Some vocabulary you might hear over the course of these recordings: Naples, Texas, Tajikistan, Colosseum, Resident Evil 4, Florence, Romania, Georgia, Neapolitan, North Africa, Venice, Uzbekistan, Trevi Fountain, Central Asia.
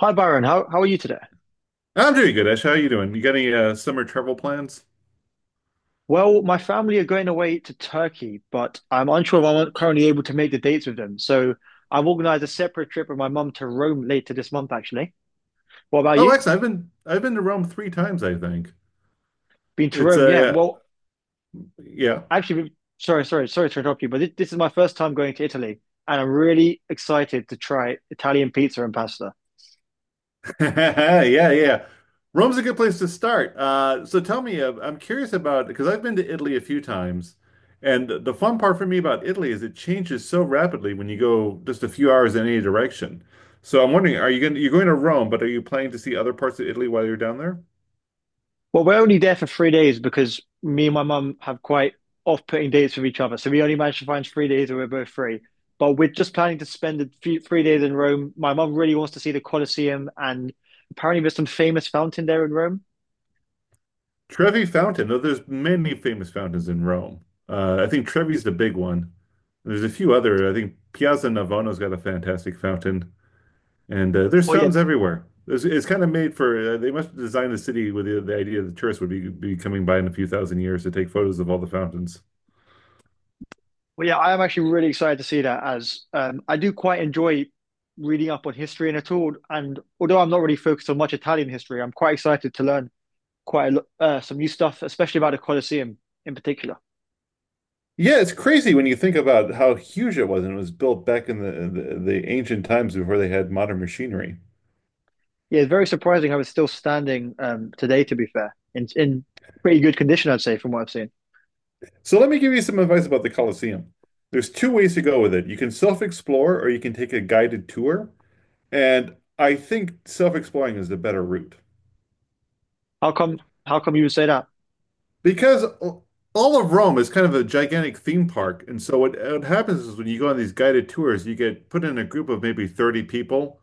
Hi, Byron. How are you today? I'm doing good, Ash. How are you doing? You got any summer travel plans? Well, my family are going away to Turkey, but I'm unsure if I'm currently able to make the dates with them. So I've organized a separate trip with my mum to Rome later this month, actually. What about Oh, you? actually, I've been to Rome three times, I think. Been to It's Rome? Yeah. a Well, yeah, actually, sorry to interrupt you, but this is my first time going to Italy, and I'm really excited to try Italian pizza and pasta. yeah, yeah. Rome's a good place to start. So tell me, I'm curious about because I've been to Italy a few times, and the fun part for me about Italy is it changes so rapidly when you go just a few hours in any direction. So I'm wondering, are you going you're going to Rome, but are you planning to see other parts of Italy while you're down there? Well, we're only there for 3 days because me and my mum have quite off-putting dates with each other. So we only managed to find 3 days where we're both free. But we're just planning to spend 3 days in Rome. My mum really wants to see the Colosseum, and apparently there's some famous fountain there in Rome. Trevi Fountain, though there's many famous fountains in Rome. I think Trevi's the big one. There's a few other. I think Piazza Navona's got a fantastic fountain, and there's Well, yeah, fountains everywhere. It's kind of made for. They must have designed the city with the idea that tourists would be coming by in a few thousand years to take photos of all the fountains. well, yeah, I am actually really excited to see that, as I do quite enjoy reading up on history and at all. And although I'm not really focused on much Italian history, I'm quite excited to learn some new stuff, especially about the Colosseum in particular. Yeah, it's crazy when you think about how huge it was, and it was built back in the ancient times before they had modern machinery. Yeah, very surprising how it's still standing today, to be fair. In pretty good condition, I'd say, from what I've seen. So let me give you some advice about the Colosseum. There's two ways to go with it. You can self-explore or you can take a guided tour. And I think self-exploring is the better route How come how come you would say that? because all of Rome is kind of a gigantic theme park. And so what happens is when you go on these guided tours, you get put in a group of maybe 30 people,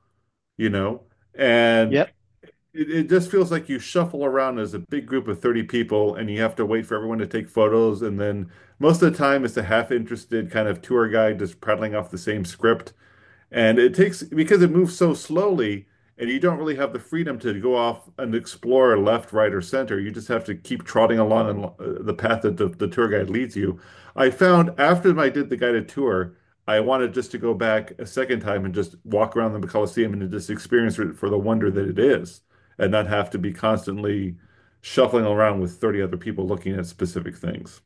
you know, and Yeah. it just feels like you shuffle around as a big group of 30 people and you have to wait for everyone to take photos. And then most of the time, it's a half interested kind of tour guide just prattling off the same script. And it takes because it moves so slowly, and you don't really have the freedom to go off and explore left, right, or center. You just have to keep trotting along in, the path that the tour guide leads you. I found after I did the guided tour, I wanted just to go back a second time and just walk around the Colosseum and just experience it for the wonder that it is, and not have to be constantly shuffling around with 30 other people looking at specific things.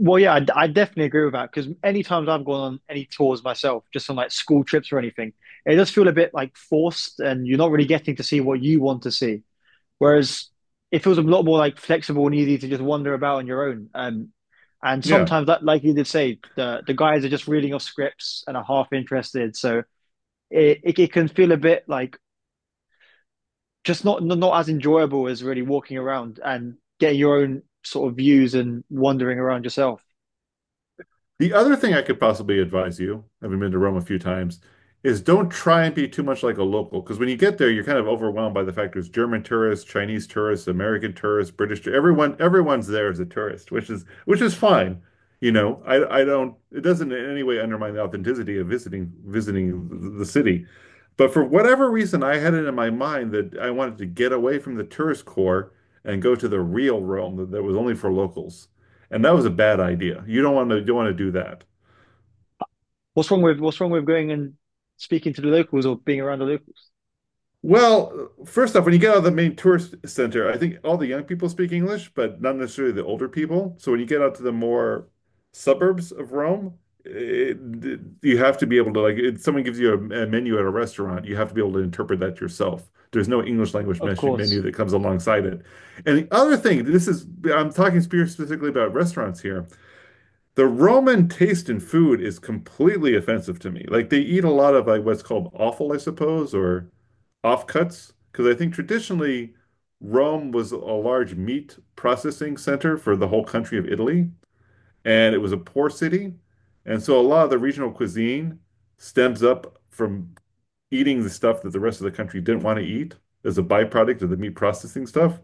Well, yeah, I definitely agree with that because any times I've gone on any tours myself, just on like school trips or anything, it does feel a bit like forced and you're not really getting to see what you want to see. Whereas it feels a lot more like flexible and easy to just wander about on your own. And Yeah. sometimes that, like you did say, the guys are just reading off scripts and are half interested. So it can feel a bit like just not as enjoyable as really walking around and getting your own sort of views and wandering around yourself. The other thing I could possibly advise you, having been to Rome a few times, is don't try and be too much like a local. Because when you get there, you're kind of overwhelmed by the fact there's German tourists, Chinese tourists, American tourists, British tourists. Everyone's there as a tourist, which is fine. You know, I don't. It doesn't in any way undermine the authenticity of visiting the city. But for whatever reason, I had it in my mind that I wanted to get away from the tourist core and go to the real Rome that was only for locals. And that was a bad idea. You don't want to do that. What's wrong with going and speaking to the locals or being around the locals? Well, first off, when you get out of the main tourist center, I think all the young people speak English, but not necessarily the older people. So when you get out to the more suburbs of Rome, it, you have to be able to like if someone gives you a menu at a restaurant, you have to be able to interpret that yourself. There's no English language Of menu course. that comes alongside it. And the other thing, this is I'm talking specifically about restaurants here. The Roman taste in food is completely offensive to me. Like they eat a lot of like what's called offal, I suppose, or offcuts, because I think traditionally Rome was a large meat processing center for the whole country of Italy, and it was a poor city. And so a lot of the regional cuisine stems up from eating the stuff that the rest of the country didn't want to eat as a byproduct of the meat processing stuff.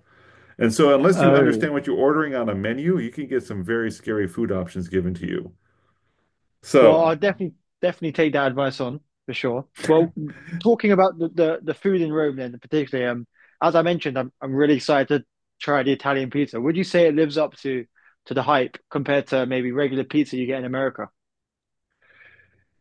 And so unless you Oh, understand what you're ordering on a menu, you can get some very scary food options given to you. well, I'll So, definitely take that advice on for sure. Well, talking about the food in Rome then particularly, as I mentioned, I'm really excited to try the Italian pizza. Would you say it lives up to the hype compared to maybe regular pizza you get in America?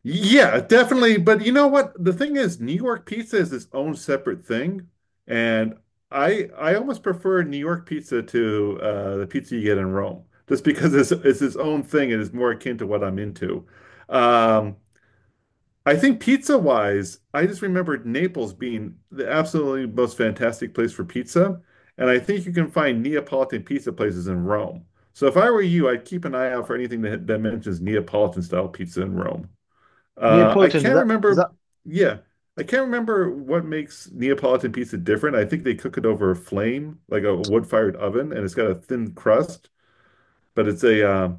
yeah, definitely. But you know what? The thing is, New York pizza is its own separate thing, and I almost prefer New York pizza to the pizza you get in Rome, just because it's its own thing and it's more akin to what I'm into. Um, I think pizza wise, I just remembered Naples being the absolutely most fantastic place for pizza, and I think you can find Neapolitan pizza places in Rome. So if I were you, I'd keep an eye out for anything that mentions Neapolitan style pizza in Rome. I Neapolitan, does can't that does remember. that Yeah, I can't remember what makes Neapolitan pizza different. I think they cook it over a flame, like a wood-fired oven, and it's got a thin crust. But it's a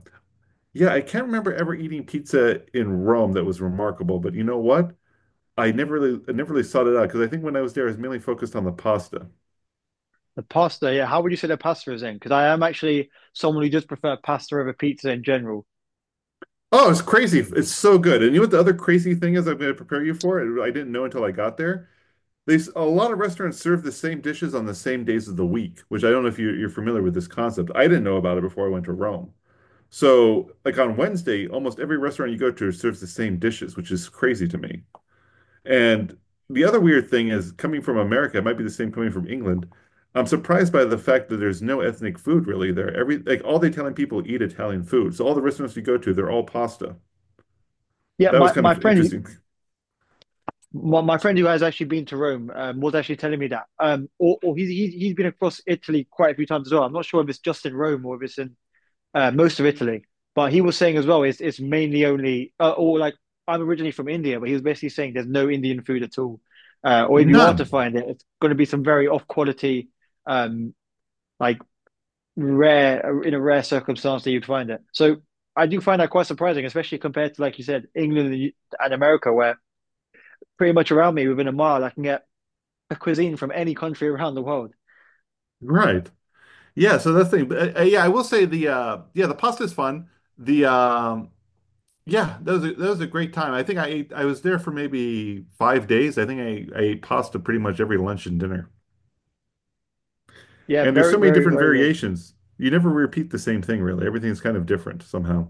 yeah. I can't remember ever eating pizza in Rome that was remarkable. But you know what? I never really sought it out because I think when I was there, I was mainly focused on the pasta. The pasta, yeah. How would you say the pasta is in? Because I am actually someone who does prefer pasta over pizza in general. Oh, it's crazy! It's so good. And you know what the other crazy thing is? I'm going to prepare you for it. I didn't know until I got there. They a lot of restaurants serve the same dishes on the same days of the week, which I don't know if you're familiar with this concept. I didn't know about it before I went to Rome. So, like on Wednesday, almost every restaurant you go to serves the same dishes, which is crazy to me. And the other weird thing is coming from America, it might be the same coming from England. I'm surprised by the fact that there's no ethnic food really there. Every like all the Italian people eat Italian food. So all the restaurants you go to, they're all pasta. Yeah, That was my, kind my of friend, interesting. my, my friend who has actually been to Rome, was actually telling me that. Or he's been across Italy quite a few times as well. I'm not sure if it's just in Rome or if it's in most of Italy, but he was saying as well, it's mainly only or like I'm originally from India, but he was basically saying there's no Indian food at all, or if you are to None. find it, it's going to be some very off quality, um, like rare in a rare circumstance that you'd find it. So I do find that quite surprising, especially compared to, like you said, England and America, where pretty much around me within a mile I can get a cuisine from any country around the world. Right. Yeah, so that's the thing. But, yeah, I will say the yeah, the pasta is fun. The yeah, that was a great time. I think I was there for maybe 5 days. I think I ate pasta pretty much every lunch and dinner. Yeah, And there's very, so many very, different very good. variations. You never repeat the same thing really. Everything's kind of different somehow.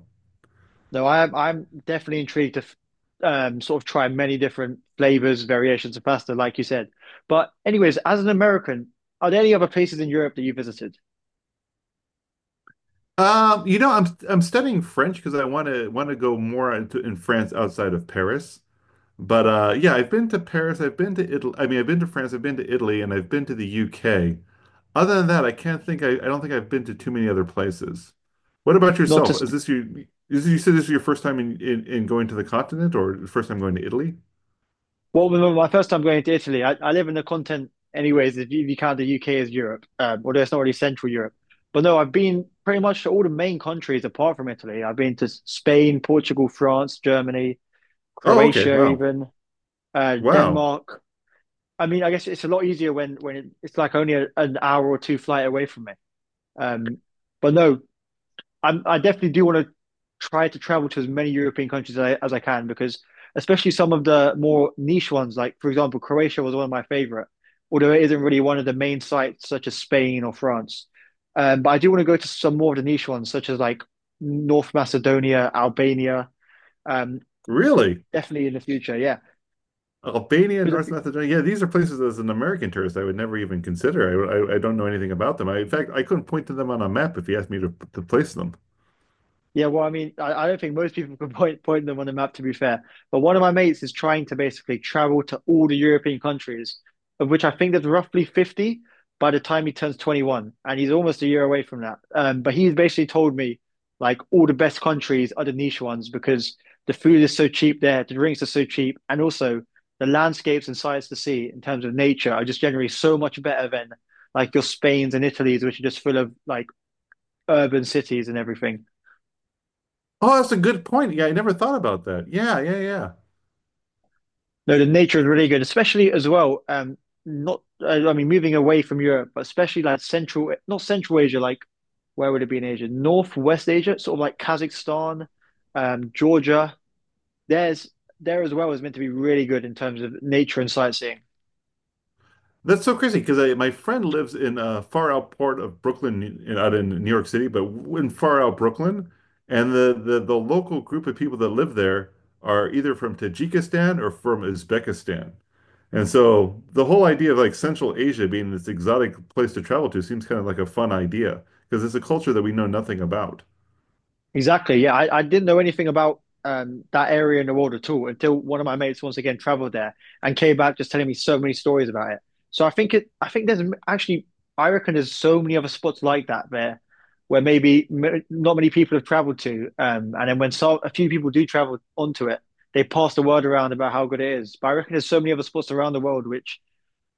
No, I'm definitely intrigued to sort of try many different flavors, variations of pasta, like you said. But anyways, as an American, are there any other places in Europe that you visited? You know, I'm studying French because I want to go more into, in France outside of Paris. But yeah, I've been to Paris, I've been to Italy. I mean, I've been to France, I've been to Italy, and I've been to the UK. Other than that, I don't think I've been to too many other places. What about Not to yourself? Is sp this you is you said this is your first time in going to the continent or the first time going to Italy? Well, remember my first time going to Italy, I live in the continent anyways, if you count the UK as Europe, although it's not really Central Europe. But no, I've been pretty much to all the main countries apart from Italy. I've been to Spain, Portugal, France, Germany, Oh, okay. Croatia Wow. even, Wow. Denmark. I mean, I guess it's a lot easier when it's like only an hour or 2 flight away from me. Um, but no, I'm, I definitely do want to try to travel to as many European countries as as I can, because especially some of the more niche ones, like for example, Croatia was one of my favorite, although it isn't really one of the main sites such as Spain or France. But I do want to go to some more of the niche ones, such as like North Macedonia, Albania, um, Really? definitely in the future. Yeah, Albania, because North Macedonia. Yeah, these are places as an American tourist I would never even consider. I don't know anything about them. I, in fact, I couldn't point to them on a map if you asked me to place them. Yeah, well, I mean, I don't think most people can point them on the map, to be fair. But one of my mates is trying to basically travel to all the European countries, of which I think there's roughly 50 by the time he turns 21, and he's almost a year away from that. But he's basically told me like all the best countries are the niche ones because the food is so cheap there, the drinks are so cheap, and also the landscapes and sights to see in terms of nature are just generally so much better than like your Spains and Italies, which are just full of like urban cities and everything. Oh, that's a good point. Yeah, I never thought about that. Yeah, yeah, yeah. No, the nature is really good, especially as well. Not I, I mean, moving away from Europe, but especially like not Central Asia, like where would it be in Asia? Northwest Asia, sort of like Kazakhstan, Georgia. There's there as well is meant to be really good in terms of nature and sightseeing. That's so crazy because my friend lives in a far out part of Brooklyn, out in New York City, but in far out Brooklyn, and the local group of people that live there are either from Tajikistan or from Uzbekistan, and so the whole idea of like Central Asia being this exotic place to travel to seems kind of like a fun idea because it's a culture that we know nothing about. Exactly. Yeah, I didn't know anything about that area in the world at all until one of my mates once again traveled there and came back just telling me so many stories about it. So I think there's actually, I reckon there's so many other spots like that there where maybe m not many people have traveled to. And then when so, A few people do travel onto it, they pass the word around about how good it is. But I reckon there's so many other spots around the world which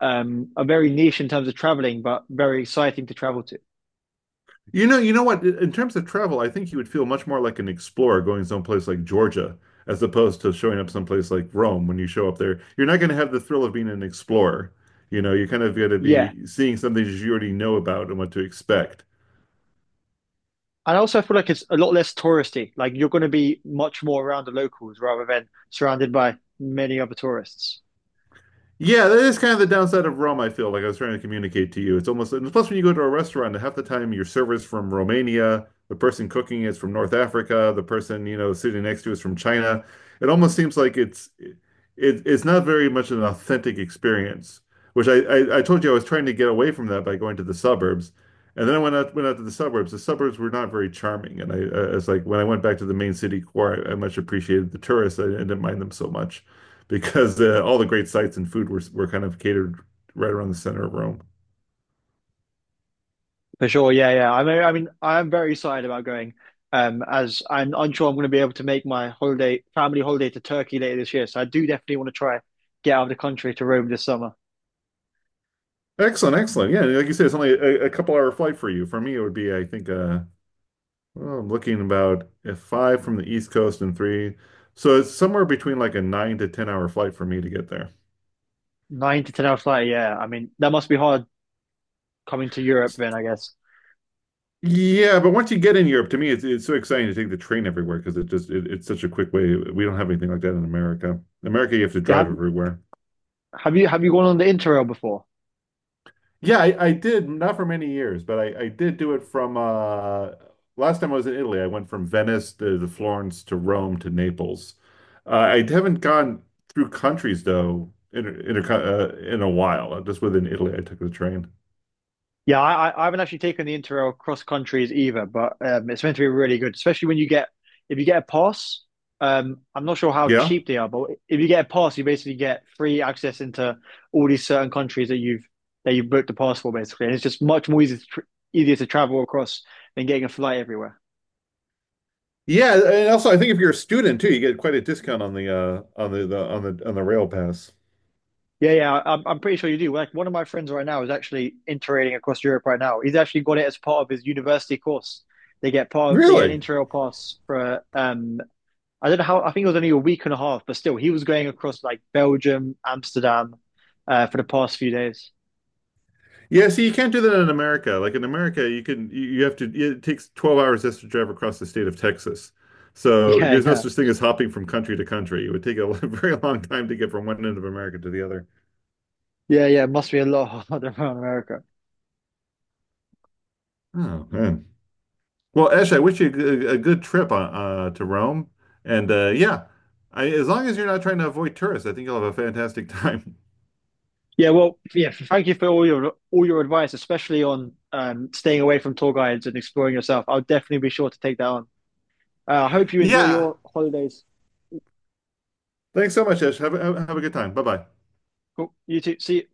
are very niche in terms of traveling, but very exciting to travel to. You know what? In terms of travel, I think you would feel much more like an explorer going someplace like Georgia as opposed to showing up someplace like Rome. When you show up there, you're not going to have the thrill of being an explorer. You know, you kind of got to Yeah, be seeing something that you already know about and what to expect. and also, I feel like it's a lot less touristy. Like you're going to be much more around the locals rather than surrounded by many other tourists. Yeah, that is kind of the downside of Rome, I feel like I was trying to communicate to you. It's almost, and plus when you go to a restaurant, half the time your server's from Romania, the person cooking is from North Africa, the person, you know, sitting next to is from China. It almost seems like it's not very much an authentic experience, which I told you I was trying to get away from that by going to the suburbs. And then I went out to the suburbs. The suburbs were not very charming. And I was like, when I went back to the main city core, I much appreciated the tourists. I didn't mind them so much because all the great sites and food were kind of catered right around the center of Rome. For sure, yeah, yeah. I mean, I am very excited about going. As I'm unsure I'm going to be able to make my holiday, family holiday to Turkey later this year. So I do definitely want to try get out of the country to Rome this summer. Excellent, excellent. Yeah, like you said, it's only a couple hour flight for you. For me, it would be, I think, well, I'm looking about five from the East Coast and three. So it's somewhere between like a nine to 10 hour flight for me to get there. 9 to 10 hour flight, yeah. I mean, that must be hard coming to Europe then, I guess. Yeah, but once you get in Europe, to me, it's so exciting to take the train everywhere because it just it's such a quick way. We don't have anything like that in America. In America, you have to Yeah, drive have everywhere. have you have you gone on the Interrail before? Yeah, I did not for many years, but I did do it from last time I was in Italy. I went from Venice to Florence to Rome to Naples. I haven't gone through countries though in a while. Just within Italy, I took the train. Yeah, I haven't actually taken the Interrail cross countries either, but it's meant to be really good, especially when you get if you get a pass. I'm not sure how Yeah. cheap they are, but if you get a pass, you basically get free access into all these certain countries that you booked the pass for, basically, and it's just much more easy to tr easier to travel across than getting a flight everywhere. Yeah, and also I think if you're a student too, you get quite a discount on the on the rail pass. Yeah, yeah, I'm pretty sure you do. Like one of my friends right now is actually interrailing across Europe right now. He's actually got it as part of his university course. They get an Really? Interrail pass for I don't know how, I think it was only a week and a half, but still, he was going across like Belgium, Amsterdam, for the past few days. Yeah, see, you can't do that in America. Like in America, you can you you have to it takes 12 hours just to drive across the state of Texas. So there's no such thing as hopping from country to country. It would take a very long time to get from one end of America to the other. Yeah, yeah, yeah, yeah. It must be a lot harder around America. Oh man. Well, Ash, I wish you a good trip to Rome. And yeah, as long as you're not trying to avoid tourists, I think you'll have a fantastic time. Yeah, well, yeah. Thank you for all your advice, especially on staying away from tour guides and exploring yourself. I'll definitely be sure to take that on. I hope you enjoy Yeah. your holidays. Thanks so much, Ash. Have have a good time. Bye bye. Cool. You too. See you.